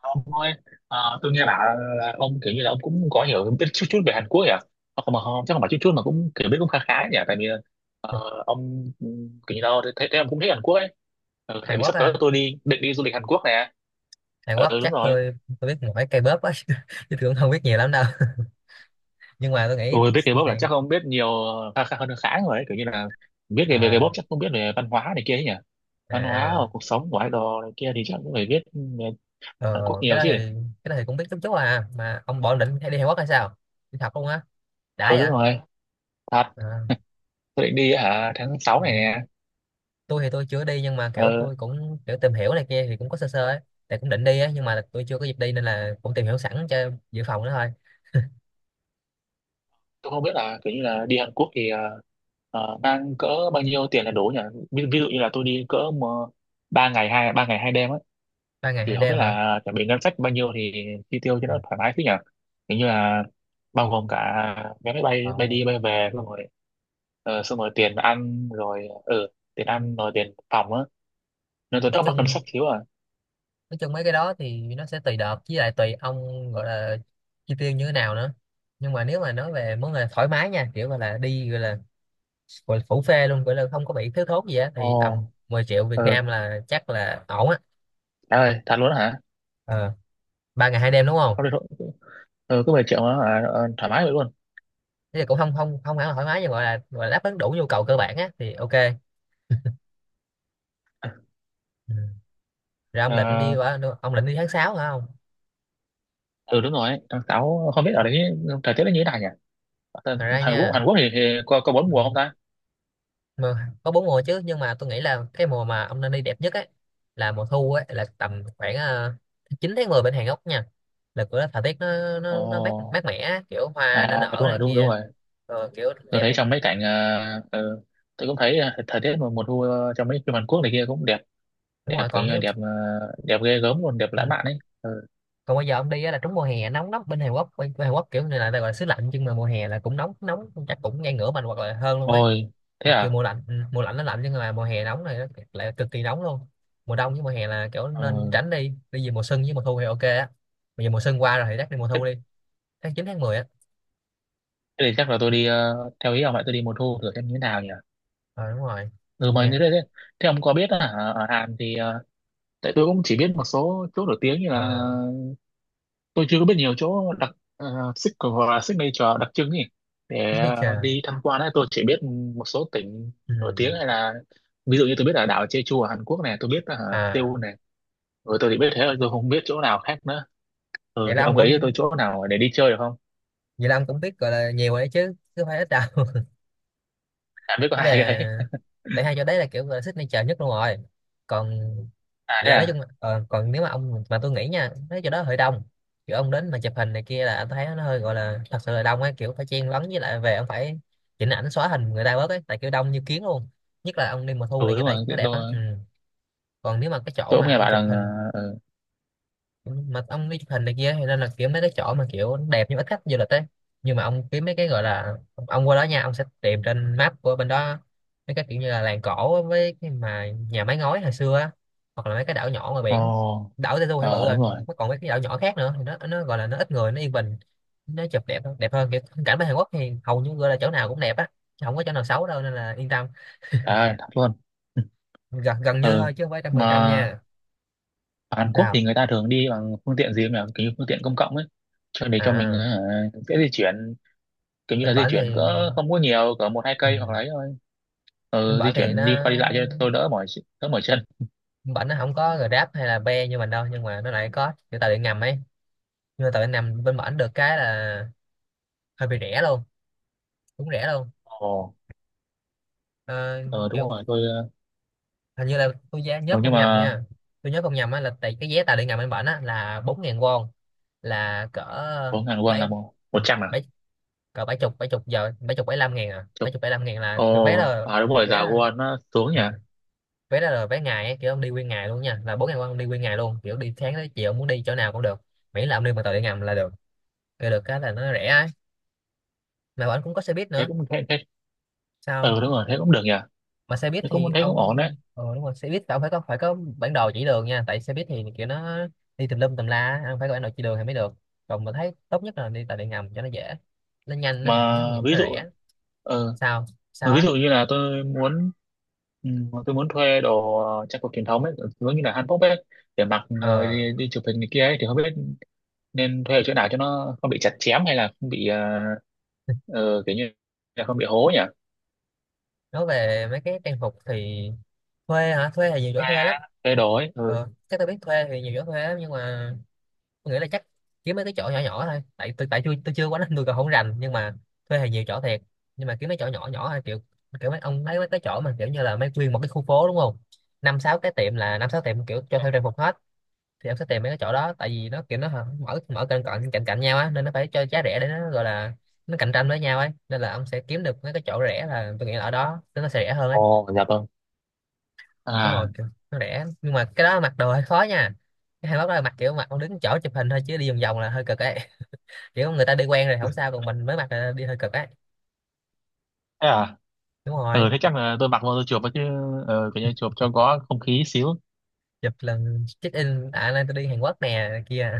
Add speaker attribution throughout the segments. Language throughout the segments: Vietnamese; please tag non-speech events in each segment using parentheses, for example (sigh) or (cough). Speaker 1: Ông ơi, tôi nghe bảo là ông kiểu như là ông cũng có hiểu biết chút chút về Hàn Quốc nhỉ? Không mà không, chắc không phải chút chút mà cũng kiểu biết cũng khá khá nhỉ. Tại vì ờ, ông ừ, kiểu như đâu thấy ông cũng thích Hàn Quốc ấy. Ừ, tại
Speaker 2: Hàn
Speaker 1: vì
Speaker 2: Quốc
Speaker 1: sắp
Speaker 2: á
Speaker 1: tới
Speaker 2: hả?
Speaker 1: tôi định đi du lịch Hàn Quốc nè.
Speaker 2: Hàn
Speaker 1: Ờ,
Speaker 2: Quốc
Speaker 1: ừ đúng
Speaker 2: chắc
Speaker 1: rồi.
Speaker 2: tôi biết mỗi K-pop á (laughs) chứ tôi cũng không biết nhiều lắm đâu (laughs) nhưng mà tôi nghĩ
Speaker 1: Ôi biết K-pop là
Speaker 2: này,
Speaker 1: chắc ông biết nhiều, khá khá hơn rồi ấy. Kiểu như là biết về về K-pop
Speaker 2: à,
Speaker 1: chắc không biết về văn hóa này kia ấy nhỉ? Văn hóa hoặc
Speaker 2: à
Speaker 1: cuộc sống của idol này kia thì chắc cũng phải biết ừ, về
Speaker 2: ờ,
Speaker 1: Hàn Quốc
Speaker 2: cái
Speaker 1: nhiều
Speaker 2: đó
Speaker 1: chứ.
Speaker 2: thì cũng biết chút chút. À mà ông bỏ định hay đi Hàn Quốc hay sao, đi học luôn á? Đã
Speaker 1: Ừ đúng
Speaker 2: vậy
Speaker 1: rồi. Thật,
Speaker 2: à.
Speaker 1: tôi định đi hả tháng 6 này nè.
Speaker 2: Tôi thì tôi chưa đi nhưng mà kiểu
Speaker 1: Ừ,
Speaker 2: tôi cũng kiểu tìm hiểu này kia thì cũng có sơ sơ ấy, tại cũng định đi á, nhưng mà tôi chưa có dịp đi nên là cũng tìm hiểu sẵn cho dự phòng đó thôi.
Speaker 1: tôi không biết là kiểu như là đi Hàn Quốc thì mang cỡ bao nhiêu tiền là đủ nhỉ, ví dụ như là tôi đi cỡ mà ba ngày hai đêm ấy
Speaker 2: Ba ngày
Speaker 1: thì
Speaker 2: hai
Speaker 1: không biết
Speaker 2: đêm hả?
Speaker 1: là chuẩn bị ngân sách bao nhiêu thì chi tiêu cho
Speaker 2: Ừ.
Speaker 1: nó thoải mái thế nhỉ. Kiểu như là bao gồm cả vé máy bay
Speaker 2: Ờ.
Speaker 1: bay đi bay về xong rồi, xong rồi tiền ăn rồi tiền ăn rồi tiền phòng á, nên tôi
Speaker 2: nói
Speaker 1: rất mắc ngân
Speaker 2: chung
Speaker 1: sách thiếu à.
Speaker 2: nói chung mấy cái đó thì nó sẽ tùy đợt, với lại tùy ông gọi là chi tiêu như thế nào nữa, nhưng mà nếu mà nói về món là thoải mái nha, kiểu gọi là đi, gọi là phủ phê luôn, gọi là không có bị thiếu thốn gì á, thì
Speaker 1: Ồ,
Speaker 2: tầm 10 triệu Việt
Speaker 1: ừ,
Speaker 2: Nam là chắc là ổn á.
Speaker 1: trời ơi thật luôn đó hả.
Speaker 2: ờ, Ba ngày hai đêm đúng không?
Speaker 1: Không được. Ừ, cứ 10 triệu đó hả? Ờ, thoải mái vậy
Speaker 2: Thế thì cũng không không không hẳn là thoải mái, nhưng gọi là đáp ứng đủ nhu cầu cơ bản á thì ok. Ừ. Rồi ông định đi
Speaker 1: luôn.
Speaker 2: qua, ông định đi tháng 6 hả không?
Speaker 1: Ừ đúng rồi, tháng sáu không biết ở đấy thời tiết nó như thế nào nhỉ. Ở
Speaker 2: Thật ra nha,
Speaker 1: Hàn Quốc thì có bốn mùa không ta.
Speaker 2: mà có bốn mùa chứ, nhưng mà tôi nghĩ là cái mùa mà ông nên đi đẹp nhất ấy là mùa thu ấy, là tầm khoảng 9 tháng 10 bên Hàn Quốc nha, là cửa thời tiết nó mát
Speaker 1: Ồ,
Speaker 2: mát mẻ á, kiểu hoa nó
Speaker 1: à đúng
Speaker 2: nở này
Speaker 1: rồi, đúng đúng
Speaker 2: kia,
Speaker 1: rồi.
Speaker 2: rồi kiểu
Speaker 1: Tôi
Speaker 2: đẹp
Speaker 1: thấy
Speaker 2: này.
Speaker 1: trong mấy cảnh ừ, tôi cũng thấy ờ, thời tiết mùa mùa thu ờ, trong mấy phim Hàn Quốc này kia cũng đẹp.
Speaker 2: Đúng rồi.
Speaker 1: Kiểu
Speaker 2: Còn
Speaker 1: như là
Speaker 2: nếu,
Speaker 1: đẹp đẹp ghê gớm luôn, đẹp
Speaker 2: ừ.
Speaker 1: lãng mạn ấy ừ.
Speaker 2: Còn bây giờ ông đi á là trúng mùa hè, nóng lắm bên Hàn Quốc. Bên Hàn Quốc kiểu này là gọi là xứ lạnh nhưng mà mùa hè là cũng nóng, nóng chắc cũng ngang ngửa mình hoặc là hơn luôn ấy.
Speaker 1: Ôi thế
Speaker 2: Mặc dù
Speaker 1: à.
Speaker 2: mùa lạnh, mùa lạnh nó lạnh, nhưng mà mùa hè nóng này nó lại cực kỳ nóng luôn. Mùa đông với mùa hè là kiểu nên
Speaker 1: Ừ.
Speaker 2: tránh đi, đi về mùa xuân với mùa thu thì ok á. Bây giờ mùa xuân qua rồi thì chắc đi mùa
Speaker 1: thế
Speaker 2: thu đi, tháng chín tháng mười á.
Speaker 1: Thế thì chắc là tôi đi theo ý ông lại tôi đi mùa thu thử xem như thế nào nhỉ.
Speaker 2: Ờ đúng rồi.
Speaker 1: Ừ, mà
Speaker 2: Nghe
Speaker 1: thế ông có biết là ở ở Hàn thì ờ, tại tôi cũng chỉ biết một số chỗ nổi tiếng như
Speaker 2: ờ.
Speaker 1: là, tôi chưa có biết nhiều chỗ đặc signature hoặc là signature đặc trưng nhỉ,
Speaker 2: (laughs) Biết
Speaker 1: để
Speaker 2: đi chờ.
Speaker 1: đi tham quan ấy. Tôi chỉ biết một số tỉnh
Speaker 2: Ừ.
Speaker 1: nổi tiếng, hay là ví dụ như tôi biết là đảo Jeju ở Hàn Quốc này, tôi biết là
Speaker 2: À,
Speaker 1: Seoul này, rồi tôi chỉ biết thế thôi, tôi không biết chỗ nào khác nữa. Ừ,
Speaker 2: vậy là
Speaker 1: thì
Speaker 2: ông
Speaker 1: ông gợi ý cho tôi
Speaker 2: cũng
Speaker 1: chỗ nào để đi chơi được không.
Speaker 2: vậy là ông cũng biết gọi là nhiều rồi đấy chứ, chứ không phải ít đâu.
Speaker 1: À biết có
Speaker 2: Nó
Speaker 1: hai cái
Speaker 2: về,
Speaker 1: đấy.
Speaker 2: tại hai chỗ đấy là kiểu là signature nhất luôn rồi. Còn
Speaker 1: (laughs) à thế
Speaker 2: lại nói
Speaker 1: à.
Speaker 2: chung là, còn nếu mà ông mà, tôi nghĩ nha, mấy chỗ đó hơi đông, kiểu ông đến mà chụp hình này kia là anh thấy nó hơi gọi là thật sự là đông ấy, kiểu phải chen lấn, với lại về ông phải chỉnh ảnh xóa hình người ta bớt ấy, tại kiểu đông như kiến luôn, nhất là ông đi mùa thu này
Speaker 1: Ừ
Speaker 2: kia
Speaker 1: đúng
Speaker 2: tại
Speaker 1: rồi,
Speaker 2: nó đẹp á. Ừ. Còn nếu mà cái chỗ
Speaker 1: tôi cũng
Speaker 2: mà
Speaker 1: nghe
Speaker 2: ông
Speaker 1: bạn
Speaker 2: chụp
Speaker 1: rằng
Speaker 2: hình,
Speaker 1: ờ, ừ.
Speaker 2: mà ông đi chụp hình này kia, thì nên là kiểu mấy cái chỗ mà kiểu đẹp nhưng ít khách du lịch ấy. Nhưng mà ông kiếm mấy cái gọi là ông qua đó nha, ông sẽ tìm trên map của bên đó mấy cái kiểu như là làng cổ á, với cái mà nhà mái ngói hồi xưa á, hoặc là mấy cái đảo nhỏ ngoài biển.
Speaker 1: Ồ,
Speaker 2: Đảo Jeju thì bự
Speaker 1: ờ
Speaker 2: rồi,
Speaker 1: đúng rồi,
Speaker 2: còn còn mấy cái đảo nhỏ khác nữa thì nó gọi là nó ít người, nó yên bình, nó chụp đẹp hơn. Kiểu phong cảnh bên Hàn Quốc thì hầu như gọi là chỗ nào cũng đẹp á, chứ không có chỗ nào xấu đâu nên là yên tâm.
Speaker 1: trời ơi thật luôn. (laughs)
Speaker 2: Gần gần như
Speaker 1: ừ
Speaker 2: thôi chứ không phải trăm phần trăm
Speaker 1: mà
Speaker 2: nha.
Speaker 1: ở Hàn Quốc thì
Speaker 2: Sao?
Speaker 1: người ta thường đi bằng phương tiện gì mà kiểu như phương tiện công cộng ấy, cho để cho mình ờ,
Speaker 2: À,
Speaker 1: dễ di chuyển. Kiểu như là
Speaker 2: bên
Speaker 1: di
Speaker 2: bản
Speaker 1: chuyển
Speaker 2: thì
Speaker 1: cỡ không có nhiều, cỡ một hai
Speaker 2: ừ.
Speaker 1: cây hoặc là ấy thôi,
Speaker 2: bên
Speaker 1: ờ, di
Speaker 2: bản thì
Speaker 1: chuyển
Speaker 2: nó
Speaker 1: đi qua đi lại cho tôi đỡ mỏi đỡ mỏi chân.
Speaker 2: bển nó không có Grab hay là Be như mình đâu, nhưng mà nó lại có kiểu tàu điện ngầm ấy. Nhưng mà tàu điện ngầm bên bển được cái là hơi bị rẻ luôn, cũng rẻ luôn.
Speaker 1: Ồ,
Speaker 2: Ờ,
Speaker 1: ờ, đúng
Speaker 2: kiểu
Speaker 1: rồi tôi ờ,
Speaker 2: hình như là tôi giá nhớ
Speaker 1: ừ, nhưng
Speaker 2: không nhầm
Speaker 1: mà
Speaker 2: nha, tôi nhớ không nhầm á, là tại cái vé tàu điện ngầm bên bển á là bốn ngàn won, là cỡ
Speaker 1: bốn ngàn won
Speaker 2: bảy,
Speaker 1: là một
Speaker 2: ừ,
Speaker 1: một trăm à.
Speaker 2: bảy, cỡ bảy chục, bảy chục giờ, bảy chục bảy lăm ngàn à, bảy
Speaker 1: Chục.
Speaker 2: chục bảy lăm ngàn là
Speaker 1: Ồ
Speaker 2: cái vé là.
Speaker 1: à đúng rồi, giá
Speaker 2: vé là
Speaker 1: won nó xuống nhỉ.
Speaker 2: ừ, Vé đó là vé ngày ấy, kiểu ông đi nguyên ngày luôn nha, là bốn ngàn won ông đi nguyên ngày luôn, kiểu đi sáng tới chiều muốn đi chỗ nào cũng được, miễn là ông đi bằng tàu điện ngầm là được. Rồi được cái là nó rẻ ấy, mà bọn anh cũng có xe buýt
Speaker 1: Thế
Speaker 2: nữa.
Speaker 1: cũng thế thế
Speaker 2: Sao?
Speaker 1: Ờ đúng rồi thế cũng được nhỉ.
Speaker 2: Mà xe buýt thì
Speaker 1: Thế
Speaker 2: ông,
Speaker 1: cũng Ổn đấy.
Speaker 2: ờ đúng rồi, xe buýt là ông phải có, phải có bản đồ chỉ đường nha, tại xe buýt thì kiểu nó đi tùm lum tùm la, ông phải có bản đồ chỉ đường thì mới được. Còn mà thấy tốt nhất là đi tàu điện ngầm cho nó dễ, nó nhanh,
Speaker 1: mà ví
Speaker 2: nó
Speaker 1: dụ
Speaker 2: rẻ. Sao?
Speaker 1: Mà
Speaker 2: Sao
Speaker 1: ví
Speaker 2: á?
Speaker 1: dụ như là tôi muốn ừ, tôi muốn thuê đồ ờ, trang phục truyền thống ấy, giống như là hanbok ấy, để mặc rồi
Speaker 2: Ờ,
Speaker 1: đi đi chụp hình này kia ấy, thì không biết nên thuê ở chỗ nào cho nó không bị chặt chém, hay là không bị ờ, kiểu như là không bị hố nhỉ?
Speaker 2: nói về mấy cái trang phục thì, thuê hả? Thuê thì nhiều chỗ thuê lắm.
Speaker 1: Thuê đồ ấy. Ừ.
Speaker 2: Ờ chắc tôi biết thuê thì nhiều chỗ thuê lắm, nhưng mà tôi nghĩ là chắc kiếm mấy cái chỗ nhỏ nhỏ thôi, tại tôi chưa quá nên tôi còn không rành, nhưng mà thuê thì nhiều chỗ thiệt, nhưng mà kiếm mấy chỗ nhỏ nhỏ thôi, kiểu kiểu mấy ông lấy mấy cái chỗ mà kiểu như là mấy nguyên một cái khu phố đúng không, năm sáu cái tiệm là năm sáu tiệm kiểu cho thuê trang phục hết, thì em sẽ tìm mấy cái chỗ đó, tại vì nó kiểu nó mở, cạnh cạnh cạnh cạnh nhau á, nên nó phải cho giá rẻ để nó gọi là nó cạnh tranh với nhau ấy, nên là ông sẽ kiếm được mấy cái chỗ rẻ, là tôi nghĩ là ở đó nên nó sẽ rẻ hơn ấy.
Speaker 1: Ồ, dạ vâng.
Speaker 2: Đúng rồi,
Speaker 1: À,
Speaker 2: kiểu nó rẻ nhưng mà cái đó mặc đồ hơi khó nha, cái hai mốt đó là mặc, kiểu mặc ông đứng chỗ chụp hình thôi chứ đi vòng vòng là hơi cực ấy, kiểu người ta đi quen rồi không sao, còn mình mới mặc là đi hơi cực ấy.
Speaker 1: thế à?
Speaker 2: Đúng rồi,
Speaker 1: Ừ, thế chắc là tôi mặc vô tôi chụp ấy chứ, kiểu như chụp cho có không khí xíu.
Speaker 2: chụp lần check in, à nay tôi đi Hàn Quốc nè này kia.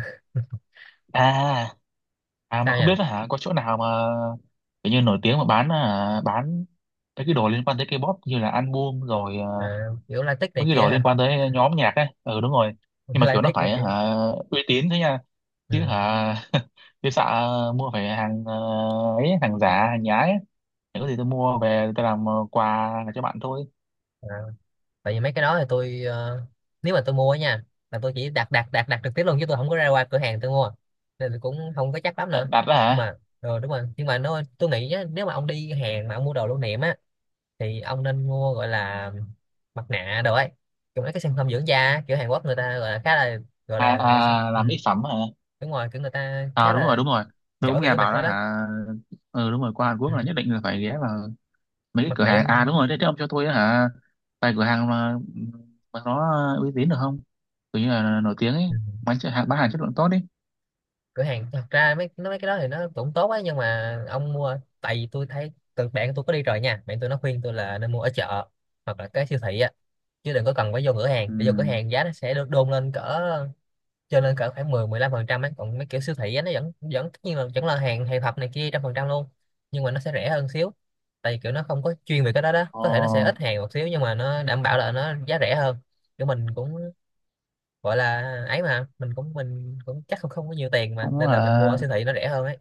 Speaker 1: À, à mà
Speaker 2: Sao nhỉ?
Speaker 1: không biết là hả có chỗ nào mà kiểu như nổi tiếng mà bán à, bán mấy cái đồ liên quan tới K-pop như là album rồi
Speaker 2: À, kiểu latex này
Speaker 1: mấy cái
Speaker 2: kia
Speaker 1: đồ liên
Speaker 2: hả?
Speaker 1: quan tới nhóm nhạc ấy, ừ đúng rồi. Nhưng
Speaker 2: (laughs)
Speaker 1: mà kiểu nó
Speaker 2: Latex này
Speaker 1: phải
Speaker 2: kia.
Speaker 1: hả uy tín thế nha, chứ
Speaker 2: Ừ.
Speaker 1: hả (laughs) chứ sợ mua phải hàng ờ, ấy hàng giả hàng nhái ấy. Để có gì tôi mua về tôi làm quà cho bạn thôi.
Speaker 2: À, tại vì mấy cái đó thì tôi, ờ, nếu mà tôi mua á nha, là tôi chỉ đặt, đặt đặt đặt trực tiếp luôn chứ tôi không có ra qua cửa hàng tôi mua, nên tôi cũng không có chắc lắm
Speaker 1: Ờ,
Speaker 2: nữa.
Speaker 1: đặt đó
Speaker 2: Nhưng
Speaker 1: hả.
Speaker 2: mà ờ đúng rồi, nhưng mà nó tôi nghĩ á, nếu mà ông đi Hàn mà ông mua đồ lưu niệm á, thì ông nên mua gọi là mặt nạ đồ ấy, kiểu mấy cái sản phẩm dưỡng da á, kiểu Hàn Quốc người ta gọi là khá là, gọi
Speaker 1: À,
Speaker 2: là sao,
Speaker 1: à
Speaker 2: ừ.
Speaker 1: làm mỹ phẩm hả.
Speaker 2: Đúng rồi, kiểu người ta khá
Speaker 1: À đúng rồi
Speaker 2: là
Speaker 1: tôi
Speaker 2: giỏi
Speaker 1: cũng
Speaker 2: về
Speaker 1: nghe
Speaker 2: cái mặt
Speaker 1: bảo đó
Speaker 2: đó đó.
Speaker 1: hả. Ừ đúng rồi, qua Hàn
Speaker 2: Ừ.
Speaker 1: Quốc là nhất định là phải ghé vào mấy cái
Speaker 2: Mặt
Speaker 1: cửa
Speaker 2: nạ
Speaker 1: hàng. À đúng
Speaker 2: dưỡng-.
Speaker 1: rồi thế ông cho tôi á hả vài cửa hàng mà nó uy tín được không, kiểu như là nổi tiếng ấy,
Speaker 2: Ừ.
Speaker 1: bán hàng chất lượng tốt đi.
Speaker 2: Cửa hàng thật ra mấy nó mấy cái đó thì nó cũng tốt ấy, nhưng mà ông mua, tại vì tôi thấy từ bạn tôi có đi rồi nha, bạn tôi nó khuyên tôi là nên mua ở chợ hoặc là cái siêu thị á, chứ đừng có cần phải vô cửa hàng,
Speaker 1: Ừ.
Speaker 2: để vô cửa hàng giá nó sẽ được đôn lên cỡ, cho nên cỡ khoảng mười, mười lăm phần trăm ấy. Còn mấy kiểu siêu thị á, nó vẫn vẫn tất nhiên là vẫn là hàng, hàng thật này kia trăm phần trăm luôn, nhưng mà nó sẽ rẻ hơn xíu, tại vì kiểu nó không có chuyên về cái đó đó,
Speaker 1: Ờ,
Speaker 2: có thể nó sẽ ít hàng một xíu nhưng mà nó đảm bảo là nó giá rẻ hơn. Kiểu mình cũng gọi là ấy, mà mình cũng chắc không không có nhiều tiền mà,
Speaker 1: cũng
Speaker 2: nên là mình mua ở
Speaker 1: là
Speaker 2: siêu thị nó rẻ hơn ấy.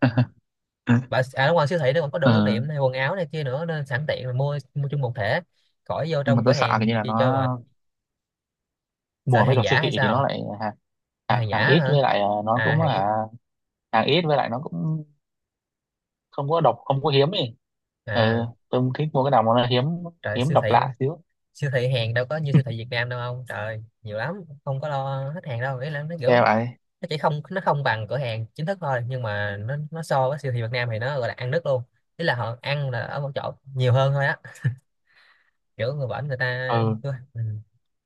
Speaker 1: (laughs)
Speaker 2: Và à, đúng rồi, siêu thị nó còn có đồ lưu
Speaker 1: ờ,
Speaker 2: niệm này, quần áo này kia nữa, nên sẵn tiện là mua mua chung một thể, khỏi vô
Speaker 1: nhưng mà
Speaker 2: trong cửa
Speaker 1: tôi sợ cái
Speaker 2: hàng
Speaker 1: như là
Speaker 2: chi
Speaker 1: nó
Speaker 2: cho mà. Sợ
Speaker 1: mua mấy
Speaker 2: hàng
Speaker 1: đồ
Speaker 2: giả
Speaker 1: siêu
Speaker 2: hay
Speaker 1: thị thì nó
Speaker 2: sao?
Speaker 1: lại hàng
Speaker 2: Sợ hàng giả
Speaker 1: hàng ít,
Speaker 2: hả?
Speaker 1: với lại ờ, nó
Speaker 2: À
Speaker 1: cũng
Speaker 2: hàng ít.
Speaker 1: hả hàng ít, với lại nó cũng không có độc không có hiếm ấy.
Speaker 2: À
Speaker 1: Ừ, tôi cũng thích mua cái nào mà nó hiếm,
Speaker 2: trời
Speaker 1: hiếm
Speaker 2: siêu
Speaker 1: độc
Speaker 2: thị,
Speaker 1: lạ xíu.
Speaker 2: siêu thị hàng đâu có như siêu thị Việt Nam đâu ông trời, nhiều lắm, không có lo hết hàng đâu. Ý là nó kiểu
Speaker 1: Nghe vậy.
Speaker 2: chỉ không, nó không bằng cửa hàng chính thức thôi, nhưng mà nó so với siêu thị Việt Nam thì Nó gọi là ăn đứt luôn. Ý là họ ăn là ở một chỗ nhiều hơn thôi á, kiểu người bển người ta
Speaker 1: Ừ,
Speaker 2: ừ.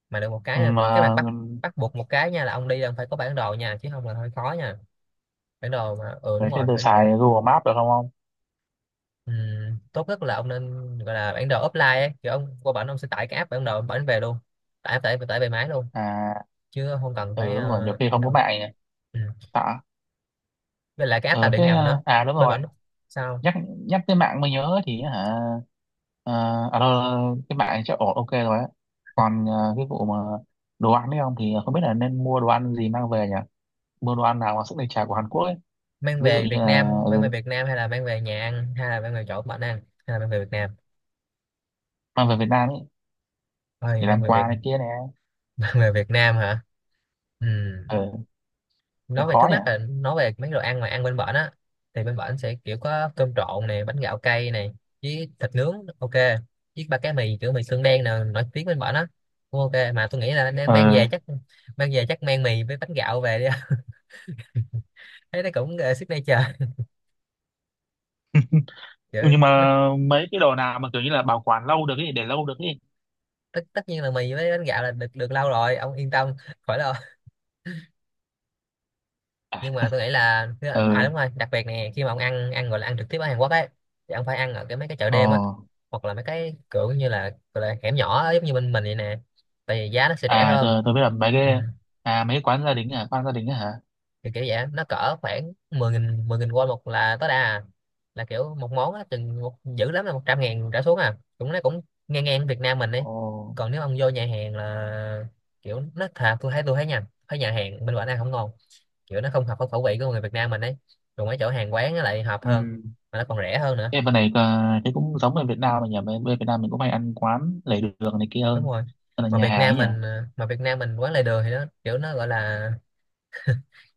Speaker 2: Mà được một cái là
Speaker 1: mà
Speaker 2: cái mặt bắt, bắt buộc một cái nha là ông đi là ông phải có bản đồ nha, chứ không là hơi khó nha. Bản đồ, mà ừ
Speaker 1: thế
Speaker 2: đúng
Speaker 1: thì
Speaker 2: rồi,
Speaker 1: tôi
Speaker 2: bản đồ
Speaker 1: xài
Speaker 2: ấy.
Speaker 1: Google Maps được không không.
Speaker 2: Ừ. Tốt nhất là ông nên gọi là bản đồ offline ấy. Kiểu ông qua bển ông sẽ tải cái app bản đồ ông bển về luôn, tải tải tải về máy luôn,
Speaker 1: À,
Speaker 2: chứ không cần
Speaker 1: ừ
Speaker 2: phải
Speaker 1: đúng rồi, nhiều khi
Speaker 2: ấy
Speaker 1: không có
Speaker 2: đâu.
Speaker 1: mạng nhỉ.
Speaker 2: Ừ.
Speaker 1: Sợ.
Speaker 2: Với lại cái áp tàu
Speaker 1: Ừ
Speaker 2: điện
Speaker 1: thế
Speaker 2: ngầm nữa,
Speaker 1: à đúng
Speaker 2: bên
Speaker 1: rồi,
Speaker 2: bển. Sao?
Speaker 1: nhắc nhắc tới mạng mới nhớ thì hả ờ, à đâu, cái mạng này chắc ổn ok rồi á. Còn ờ, cái vụ mà đồ ăn đấy không, thì không biết là nên mua đồ ăn gì mang về nhỉ, mua đồ ăn nào mà sức đề chả của Hàn Quốc ấy,
Speaker 2: Mang
Speaker 1: ví dụ
Speaker 2: về
Speaker 1: như
Speaker 2: Việt
Speaker 1: là
Speaker 2: Nam? Mang về
Speaker 1: ừ,
Speaker 2: Việt Nam hay là mang về nhà ăn hay là mang về chỗ bạn ăn, hay là mang về Việt Nam?
Speaker 1: mang về Việt Nam ấy,
Speaker 2: Thôi
Speaker 1: để
Speaker 2: mang
Speaker 1: làm
Speaker 2: về Việt,
Speaker 1: quà này kia nè.
Speaker 2: (laughs) mang về Việt Nam hả. Ừ.
Speaker 1: Ờ cái
Speaker 2: Nói về
Speaker 1: khó
Speaker 2: trước
Speaker 1: nhỉ.
Speaker 2: mắt là nói về mấy đồ ăn mà ăn bên bển á, thì bên bển sẽ kiểu có cơm trộn này, bánh gạo cay này, với thịt nướng, ok, với ba cái mì kiểu mì xương đen nè, nổi tiếng bên bển á, cũng ok. Mà tôi nghĩ là nên mang
Speaker 1: Ờ,
Speaker 2: về chắc, mang về chắc mang mì với bánh gạo về đi. (laughs) Thấy nó cũng signature. Kiểu
Speaker 1: ừ, nhưng
Speaker 2: nó
Speaker 1: mà mấy cái đồ nào mà kiểu như là bảo quản lâu được ấy, để lâu được ấy.
Speaker 2: tất tất nhiên là mì với bánh gạo là được được lâu rồi, ông yên tâm, khỏi lo. Nhưng mà
Speaker 1: À,
Speaker 2: tôi nghĩ là, à
Speaker 1: ờ,
Speaker 2: đúng rồi, đặc biệt nè, khi mà ông ăn ăn gọi là ăn trực tiếp ở Hàn Quốc ấy, thì ông phải ăn ở cái mấy cái chợ
Speaker 1: ờ
Speaker 2: đêm á, hoặc là mấy cái kiểu như là, gọi là hẻm nhỏ á, giống như bên mình vậy nè, tại vì giá nó sẽ rẻ
Speaker 1: à
Speaker 2: hơn.
Speaker 1: tôi biết là mấy
Speaker 2: Ừ.
Speaker 1: cái, à mấy cái quán gia đình, à quán gia đình á hả.
Speaker 2: Kiểu vậy nó cỡ khoảng 10 nghìn, 10 nghìn won một là tối đa à. Là kiểu một món á chừng một, dữ lắm là 100 ngàn trở xuống à, cũng nó cũng ngang ngang Việt Nam mình đi.
Speaker 1: Ồ.
Speaker 2: Còn nếu ông vô nhà hàng là kiểu nó thà, tôi thấy nha, thấy nhà hàng bên ngoài ăn không ngon, kiểu nó không hợp với khẩu vị của người Việt Nam mình ấy, còn mấy chỗ hàng quán nó lại hợp hơn,
Speaker 1: Ừ.
Speaker 2: mà nó còn rẻ hơn nữa.
Speaker 1: Em bên này ờ, cái cũng giống ở Việt Nam mà nhỉ? Bên Bên Việt Nam mình cũng hay ăn quán lề đường này kia
Speaker 2: Đúng
Speaker 1: hơn.
Speaker 2: rồi,
Speaker 1: Hơn là nhà hàng ấy nhỉ?
Speaker 2: Mà Việt Nam mình quán lề đường thì nó kiểu nó gọi là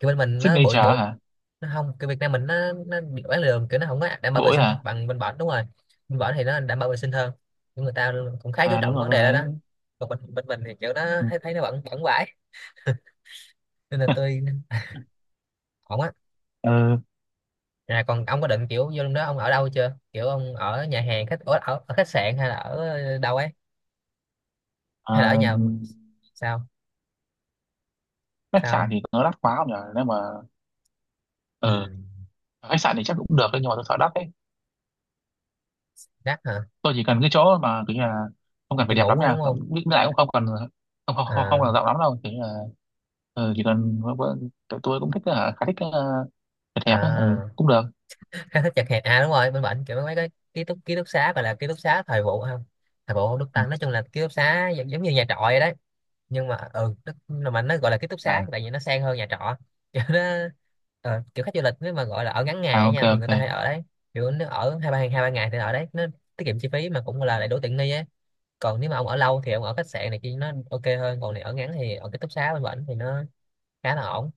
Speaker 2: kiểu bên mình nó bụi
Speaker 1: Signature
Speaker 2: bụi,
Speaker 1: hả?
Speaker 2: nó không, cái Việt Nam mình nó bị bán lường, kiểu nó không có đảm bảo vệ
Speaker 1: Bỗi
Speaker 2: sinh
Speaker 1: hả?
Speaker 2: bằng bên bển, đúng rồi. Bên bển thì nó đảm bảo vệ sinh hơn, nhưng người ta cũng khá chú
Speaker 1: À đúng
Speaker 2: trọng
Speaker 1: rồi
Speaker 2: vấn
Speaker 1: tôi
Speaker 2: đề đó đó.
Speaker 1: thấy.
Speaker 2: Còn bên bên mình thì kiểu nó thấy, thấy nó bẩn bẩn vãi, nên là tôi
Speaker 1: (laughs)
Speaker 2: ổn á.
Speaker 1: Ừ.
Speaker 2: À, còn ông có định kiểu vô lúc đó ông ở đâu chưa, kiểu ông ở nhà hàng khách, ở khách sạn hay là ở đâu ấy,
Speaker 1: Ờ,
Speaker 2: hay là ở
Speaker 1: ờ,
Speaker 2: nhà? Sao?
Speaker 1: Khách sạn
Speaker 2: Sao?
Speaker 1: thì nó đắt quá không nhỉ? Nếu mà
Speaker 2: Ừ.
Speaker 1: ờ, khách sạn thì chắc cũng được đấy, nhưng mà tôi sợ đắt đấy.
Speaker 2: Đắt hả?
Speaker 1: Tôi chỉ cần cái chỗ mà kiểu như là không cần
Speaker 2: Chị
Speaker 1: phải đẹp
Speaker 2: ngủ
Speaker 1: lắm
Speaker 2: thôi
Speaker 1: nha.
Speaker 2: đúng
Speaker 1: Không-
Speaker 2: không?
Speaker 1: Với lại cũng không cần, không
Speaker 2: À.
Speaker 1: cần rộng lắm đâu. Kiểu như là ờ, chỉ cần tụi tôi cũng thích ờ, khá thích đẹp đẹp ấy, ừ,
Speaker 2: À
Speaker 1: cũng được.
Speaker 2: khá thích chật hẹp, à đúng rồi, bên bệnh kiểu mấy cái ký túc xá gọi là ký túc xá thời vụ không, thời vụ Đức
Speaker 1: Ừ.
Speaker 2: Tăng, nói chung là ký túc xá giống như nhà trọ vậy đấy, nhưng mà ừ nó, mà nó gọi là ký túc xá
Speaker 1: À,
Speaker 2: tại vì nó sang hơn nhà trọ. (laughs) Kiểu nó kiểu khách du lịch nếu mà gọi là ở ngắn ngày á
Speaker 1: à ok
Speaker 2: nha thì người
Speaker 1: ok.
Speaker 2: ta hay ở đấy. Kiểu nếu ở 2 3 ngày thì ở đấy nó tiết kiệm chi phí mà cũng là lại đủ tiện nghi ấy. Còn nếu mà ông ở lâu thì ông ở khách sạn này kia nó ok hơn, còn này ở ngắn thì ở ký túc xá bên bệnh thì nó khá là ổn.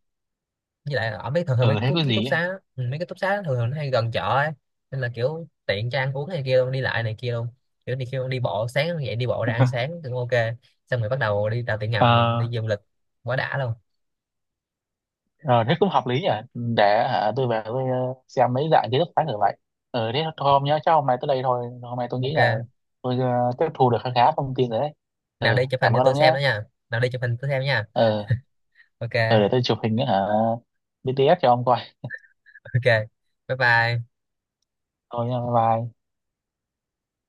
Speaker 2: Với lại là ở mấy thường thường mấy
Speaker 1: Ừ thế
Speaker 2: ký
Speaker 1: cái
Speaker 2: ký túc
Speaker 1: gì ấy.
Speaker 2: xá á, ừ, mấy cái túc xá á, thường thường nó hay gần chợ ấy, nên là kiểu tiện cho ăn uống này kia luôn, đi lại này kia luôn, kiểu đi kêu đi bộ sáng dậy đi bộ ra ăn
Speaker 1: (laughs)
Speaker 2: sáng cũng ok, xong rồi bắt đầu đi tàu điện ngầm
Speaker 1: Ờ,
Speaker 2: đi du lịch, quá đã luôn.
Speaker 1: rồi thế cũng hợp lý nhỉ. Để hả, tôi về tôi ờ, xem mấy dạng kiến thức khác thử vậy. Ừ, thế thôi hôm chắc hôm nay tới đây thôi, hôm nay tôi nghĩ là
Speaker 2: Ok.
Speaker 1: tôi tiếp thu được khá khá thông tin rồi đấy.
Speaker 2: Nào
Speaker 1: Ừ,
Speaker 2: đi chụp hình
Speaker 1: cảm
Speaker 2: cho
Speaker 1: ơn
Speaker 2: tôi
Speaker 1: ông
Speaker 2: xem
Speaker 1: nhé.
Speaker 2: nữa nha, nào đi chụp hình tôi xem nha.
Speaker 1: ừ, ừ,
Speaker 2: Ok.
Speaker 1: để tôi chụp hình nữa hả BTS cho ông coi.
Speaker 2: (laughs) Ok, bye bye.
Speaker 1: Thôi nha, bye bye.